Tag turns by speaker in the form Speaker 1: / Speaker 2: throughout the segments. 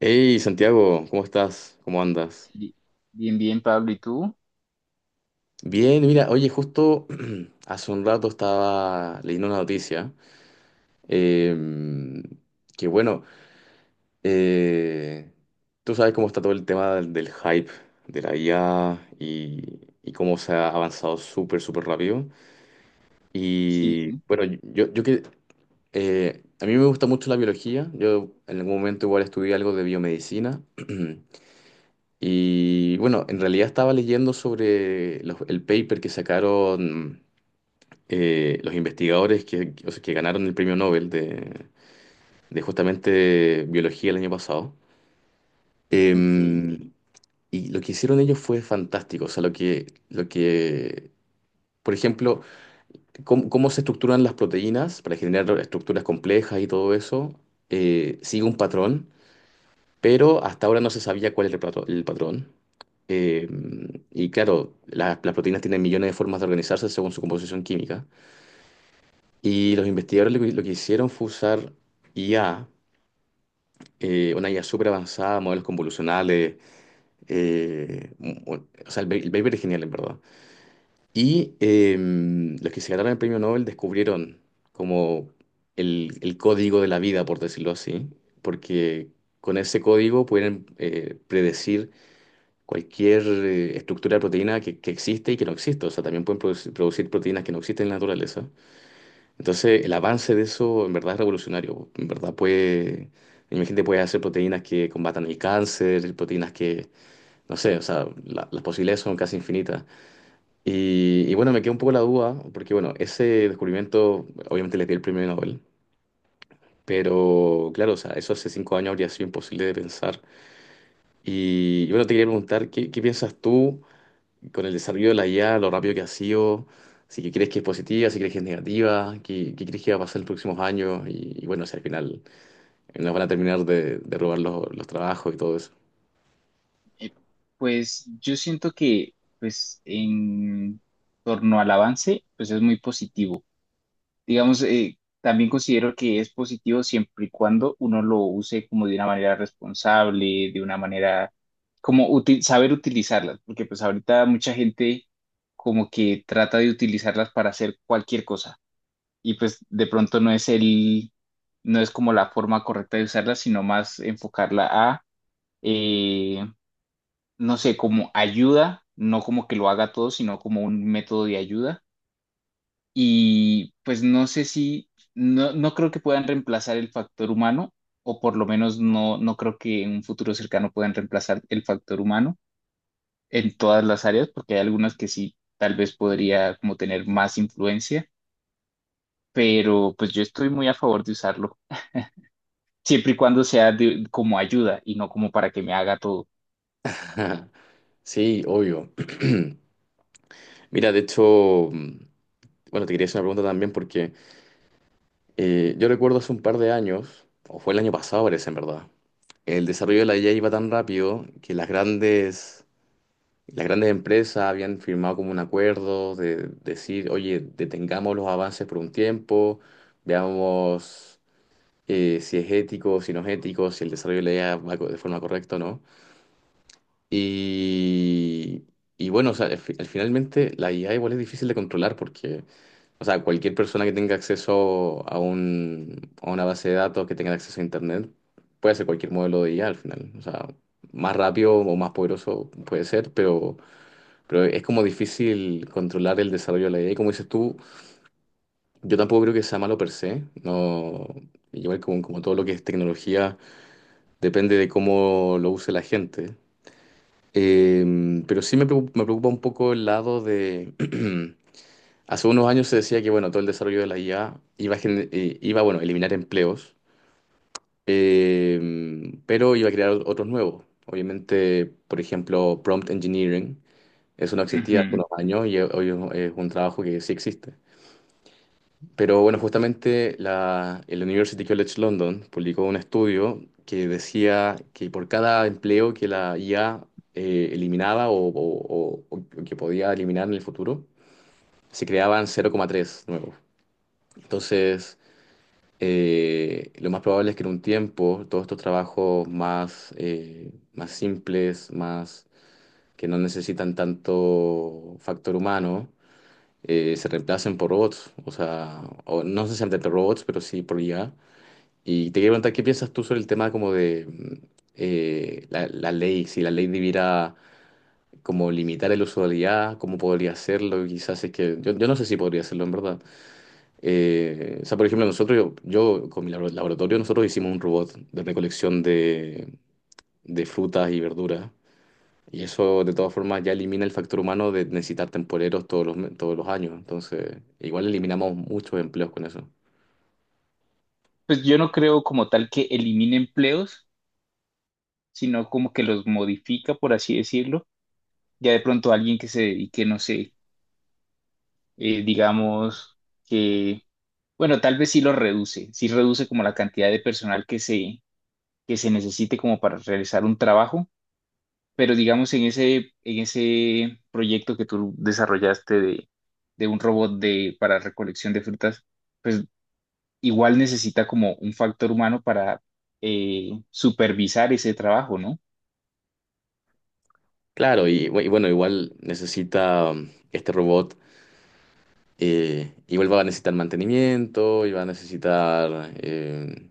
Speaker 1: Hey Santiago, ¿cómo estás? ¿Cómo andas?
Speaker 2: Bi- Bien, bien, Pablo, ¿y tú?
Speaker 1: Bien, mira, oye, justo hace un rato estaba leyendo una noticia em, que bueno, eh, tú sabes cómo está todo el tema del hype de la IA y cómo se ha avanzado súper, súper rápido.
Speaker 2: Sí,
Speaker 1: Y bueno, yo que a mí me gusta mucho la biología. Yo en algún momento igual estudié algo de biomedicina. Y bueno, en realidad estaba leyendo sobre el paper que sacaron, los investigadores que ganaron el premio Nobel de justamente biología el año pasado.
Speaker 2: ok.
Speaker 1: Em, y lo que hicieron ellos fue fantástico. O sea, por ejemplo, cómo se estructuran las proteínas para generar estructuras complejas y todo eso, sigue un patrón. Pero hasta ahora no se sabía cuál era el patrón. Eh, y claro, las proteínas tienen millones de formas de organizarse según su composición química. Y los investigadores lo que hicieron fue usar IA, una IA súper avanzada, modelos convolucionales. eh, mu- o sea, el paper es genial, en verdad. Y los que se ganaron el premio Nobel descubrieron como el código de la vida, por decirlo así, porque con ese código pueden predecir cualquier estructura de proteína que existe y que no existe. O sea, también pueden producir proteínas que no existen en la naturaleza. Entonces, el avance de eso en verdad es revolucionario. En verdad puede, imagínate, puede hacer proteínas que combatan el cáncer, proteínas que, no sé, o sea, las posibilidades son casi infinitas. Y bueno, me queda un poco la duda, porque bueno, ese descubrimiento obviamente le dio el premio Nobel. Pero claro, o sea, eso hace 5 años habría sido imposible de pensar. Y bueno, te quería preguntar, ¿qué piensas tú con el desarrollo de la IA, lo rápido que ha sido? ¿Si que crees que es positiva, si crees que es negativa, qué crees que va a pasar en los próximos años y bueno, si al final nos van a terminar de robar los trabajos y todo eso?
Speaker 2: Eh, pues yo siento que, en torno al avance, pues es muy positivo. Digamos, también considero que es positivo siempre y cuando uno lo use como de una manera responsable, de una manera, saber utilizarlas, porque pues ahorita mucha gente como que trata de utilizarlas para hacer cualquier cosa. Y pues de pronto no es como la forma correcta de usarla, sino más enfocarla a, eh, no sé, como ayuda, no como que lo haga todo, sino como un método de ayuda. Y pues no sé no creo que puedan reemplazar el factor humano, o por lo menos no creo que en un futuro cercano puedan reemplazar el factor humano en todas las áreas, porque hay algunas que sí, tal vez podría como tener más influencia, pero pues yo estoy muy a favor de usarlo, siempre y cuando como ayuda y no como para que me haga todo.
Speaker 1: Sí, obvio. Mira, de hecho, bueno, te quería hacer una pregunta también porque yo recuerdo hace un par de años, o fue el año pasado parece, en verdad el desarrollo de la IA iba tan rápido que las grandes empresas habían firmado como un acuerdo de decir, oye, detengamos los avances por un tiempo, veamos si es ético, si no es ético, si el desarrollo de la IA de forma correcta o no. Y, y bueno, o sea, al finalmente la IA igual es difícil de controlar porque, o sea, cualquier persona que tenga acceso a un, a una base de datos, que tenga acceso a Internet, puede hacer cualquier modelo de IA al final. O sea, más rápido o más poderoso puede ser, pero... Pero es como difícil controlar el desarrollo de la idea. Y como dices tú, yo tampoco creo que sea malo per se. No, igual como, como todo lo que es tecnología, depende de cómo lo use la gente. Pero sí me preocupa un poco el lado de... Hace unos años se decía que, bueno, todo el desarrollo de la IA iba a, iba, bueno, a eliminar empleos, pero iba a crear otros nuevos. Obviamente, por ejemplo, prompt engineering. Eso no existía hace
Speaker 2: Ujú.
Speaker 1: unos años y hoy es un trabajo que sí existe. Pero bueno, justamente el University College London publicó un estudio que decía que por cada empleo que la IA eliminaba o que podía eliminar en el futuro, se creaban 0,3 nuevos. Entonces, lo más probable es que en un tiempo todos estos trabajos más, más simples, más que no necesitan tanto factor humano, se reemplacen por robots. O sea, o no necesariamente por robots, pero sí por IA. Y te quería preguntar, ¿qué piensas tú sobre el tema como de la ley? Si la ley debiera como limitar el uso de la IA, ¿cómo podría hacerlo? Quizás es que yo no sé si podría hacerlo en verdad. O sea, por ejemplo, nosotros, yo con mi laboratorio, nosotros hicimos un robot de recolección de frutas y verduras. Y eso de todas formas ya elimina el factor humano de necesitar temporeros todos todos los años. Entonces, igual eliminamos muchos empleos con eso.
Speaker 2: Pues yo no creo como tal que elimine empleos, sino como que los modifica, por así decirlo. Ya de pronto alguien que se dedique, no sé, digamos que, bueno, tal vez sí lo reduce, sí reduce como la cantidad de personal que se necesite como para realizar un trabajo, pero digamos en en ese proyecto que tú desarrollaste de un robot de, para recolección de frutas, pues igual necesita como un factor humano para supervisar ese trabajo, ¿no?
Speaker 1: Claro, y bueno, igual necesita, este robot, igual va a necesitar mantenimiento, y va a necesitar,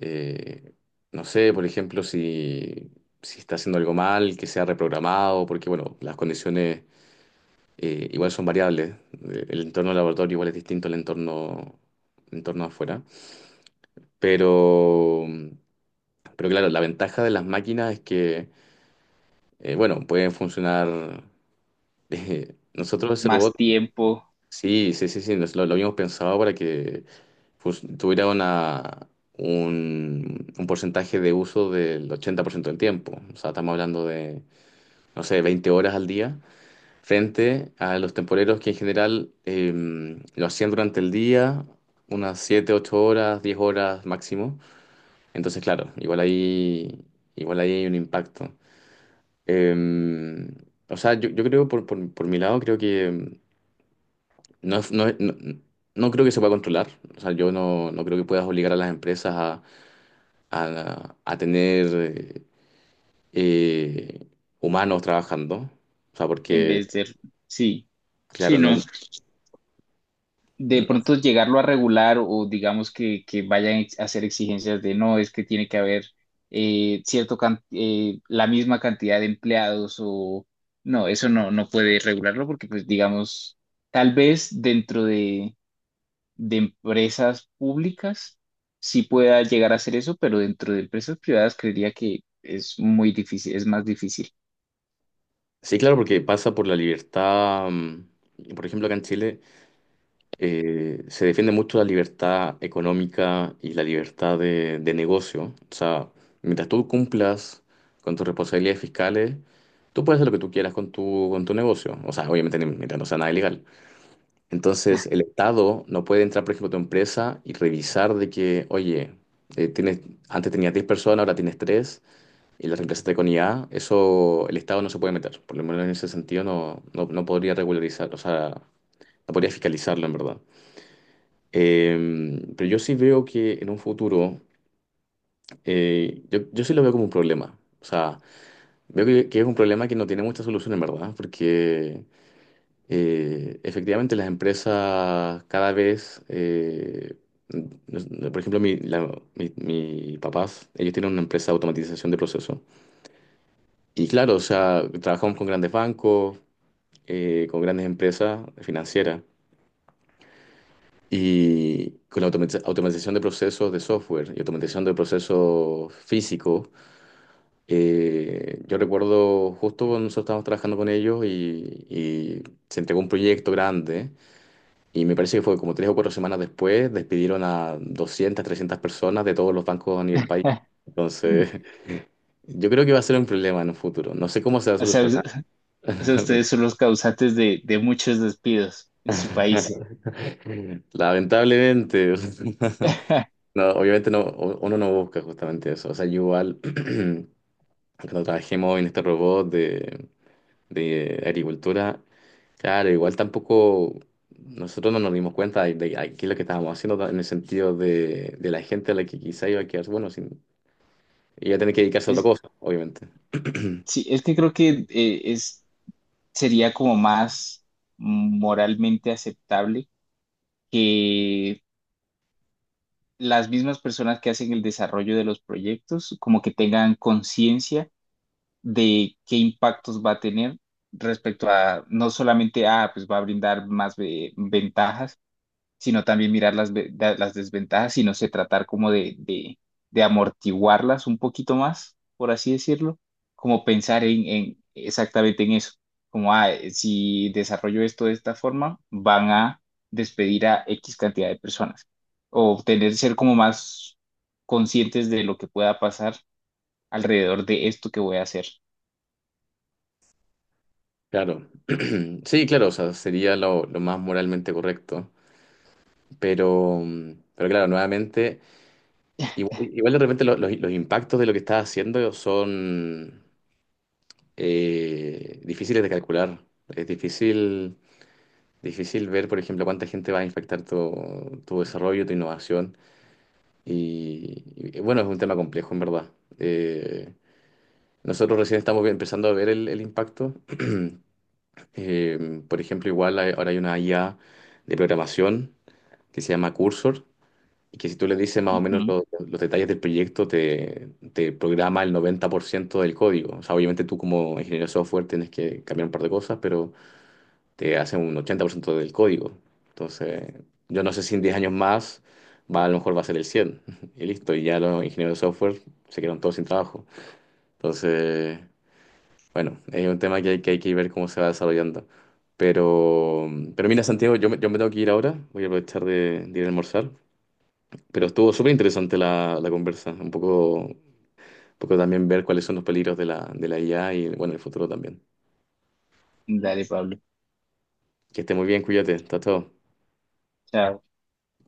Speaker 1: eh, no sé, por ejemplo, si, si está haciendo algo mal, que sea reprogramado, porque bueno, las condiciones igual son variables. El entorno del laboratorio igual es distinto al entorno, entorno afuera. Pero, pero claro, la ventaja de las máquinas es que, bueno, pueden funcionar. Nosotros ese robot,
Speaker 2: Más tiempo
Speaker 1: sí, sí, sí, sí, nos lo habíamos pensado para que, pues, tuviera un porcentaje de uso del 80% del tiempo. O sea, estamos hablando de, no sé, 20 horas al día, frente a los temporeros que en general lo hacían durante el día, unas 7, 8 horas, 10 horas máximo. Entonces, claro, igual ahí hay un impacto. Eh, o sea, yo creo, por mi lado, creo que... No, no creo que se pueda controlar. O sea, yo no creo que puedas obligar a las empresas a tener, eh, humanos trabajando. O sea,
Speaker 2: en
Speaker 1: porque,
Speaker 2: vez de, sí,
Speaker 1: claro,
Speaker 2: sí,
Speaker 1: no,
Speaker 2: no. De pronto llegarlo a regular o digamos que, a hacer exigencias de no, es que tiene que haber la misma cantidad de empleados o no, eso no puede regularlo porque pues digamos, tal vez dentro de empresas públicas sí pueda llegar a hacer eso, pero dentro de empresas privadas creería que es muy difícil, es más difícil.
Speaker 1: sí, claro, porque pasa por la libertad. Por ejemplo, acá en Chile se defiende mucho la libertad económica y la libertad de negocio. O sea, mientras tú cumplas con tus responsabilidades fiscales, tú puedes hacer lo que tú quieras con tu negocio. O sea, obviamente mientras no sea nada ilegal. Entonces, el Estado no puede entrar, por ejemplo, a tu empresa y revisar de que, oye, tienes, antes tenías 10 personas, ahora tienes 3 y las reemplazaste con IA. Eso el Estado no se puede meter. Por lo menos en ese sentido no, no podría regularizar, o sea, no podría fiscalizarlo en verdad. Pero yo sí veo que en un futuro, yo sí lo veo como un problema. O sea, veo que es un problema que no tiene mucha solución en verdad, porque, efectivamente, las empresas cada vez, nos- por ejemplo, mi papás, ellos tienen una empresa de automatización de procesos. Y claro, o sea, trabajamos con grandes bancos, con grandes empresas financieras. Y con la automatización de procesos de software y automatización de procesos físicos, yo recuerdo justo cuando nosotros estábamos trabajando con ellos y se entregó un proyecto grande. Y me parece que fue como 3 o 4 semanas después, despidieron a 200 300 personas de todos los bancos a nivel país. Entonces, yo creo que va a ser un problema en un futuro. No sé cómo se va a
Speaker 2: O sea, us-
Speaker 1: solucionar.
Speaker 2: o sea, ustedes son los causantes de muchos despidos en su país.
Speaker 1: Lamentablemente, no, obviamente no, uno no busca justamente eso. O sea, yo igual, cuando trabajemos en este robot de agricultura, claro, igual tampoco nosotros no nos dimos cuenta de qué es lo que estábamos haciendo en el sentido de la gente a la que quizá iba a quedar, bueno, sin. Y va a tener que dedicarse a otra
Speaker 2: Es,
Speaker 1: cosa, obviamente.
Speaker 2: sí, es que creo que sería como más moralmente aceptable que las mismas personas que hacen el desarrollo de los proyectos como que tengan conciencia de qué impactos va a tener respecto a no solamente, ah, pues va a brindar ventajas, sino también mirar las desventajas y no sé, tratar como de amortiguarlas un poquito más, por así decirlo, como pensar en exactamente en eso, como, ah, si desarrollo esto de esta forma, van a despedir a X cantidad de personas o tener, ser como más conscientes de lo que pueda pasar alrededor de esto que voy a hacer.
Speaker 1: Claro. Sí, claro, o sea, sería lo más moralmente correcto. Pero, pero claro, nuevamente, igual de repente los impactos de lo que estás haciendo son difíciles de calcular. Es difícil, difícil ver, por ejemplo, cuánta gente va a impactar tu, tu desarrollo, tu innovación. Y bueno, es un tema complejo, en verdad. Eh, Nosotros recién estamos empezando a ver el impacto. Por ejemplo, ahora hay una IA de programación que se llama Cursor, y que si tú le dices más o menos los detalles del proyecto, te programa el 90% del código. O sea, obviamente tú como ingeniero de software tienes que cambiar un par de cosas, pero te hace un 80% del código. Entonces, yo no sé si en 10 años más a lo mejor va a ser el 100 y listo. Y ya los ingenieros de software se quedan todos sin trabajo. Entonces... Bueno, es un tema que hay que, hay que ver cómo se va desarrollando. Pero, pero mira, Santiago, yo me tengo que ir ahora, voy a aprovechar de ir a almorzar. Pero estuvo súper interesante la conversa, un poco, también ver cuáles son los peligros de la IA y bueno, el futuro también.
Speaker 2: Dale, Pablo.
Speaker 1: Que esté muy bien, cuídate, hasta todo.
Speaker 2: Chao.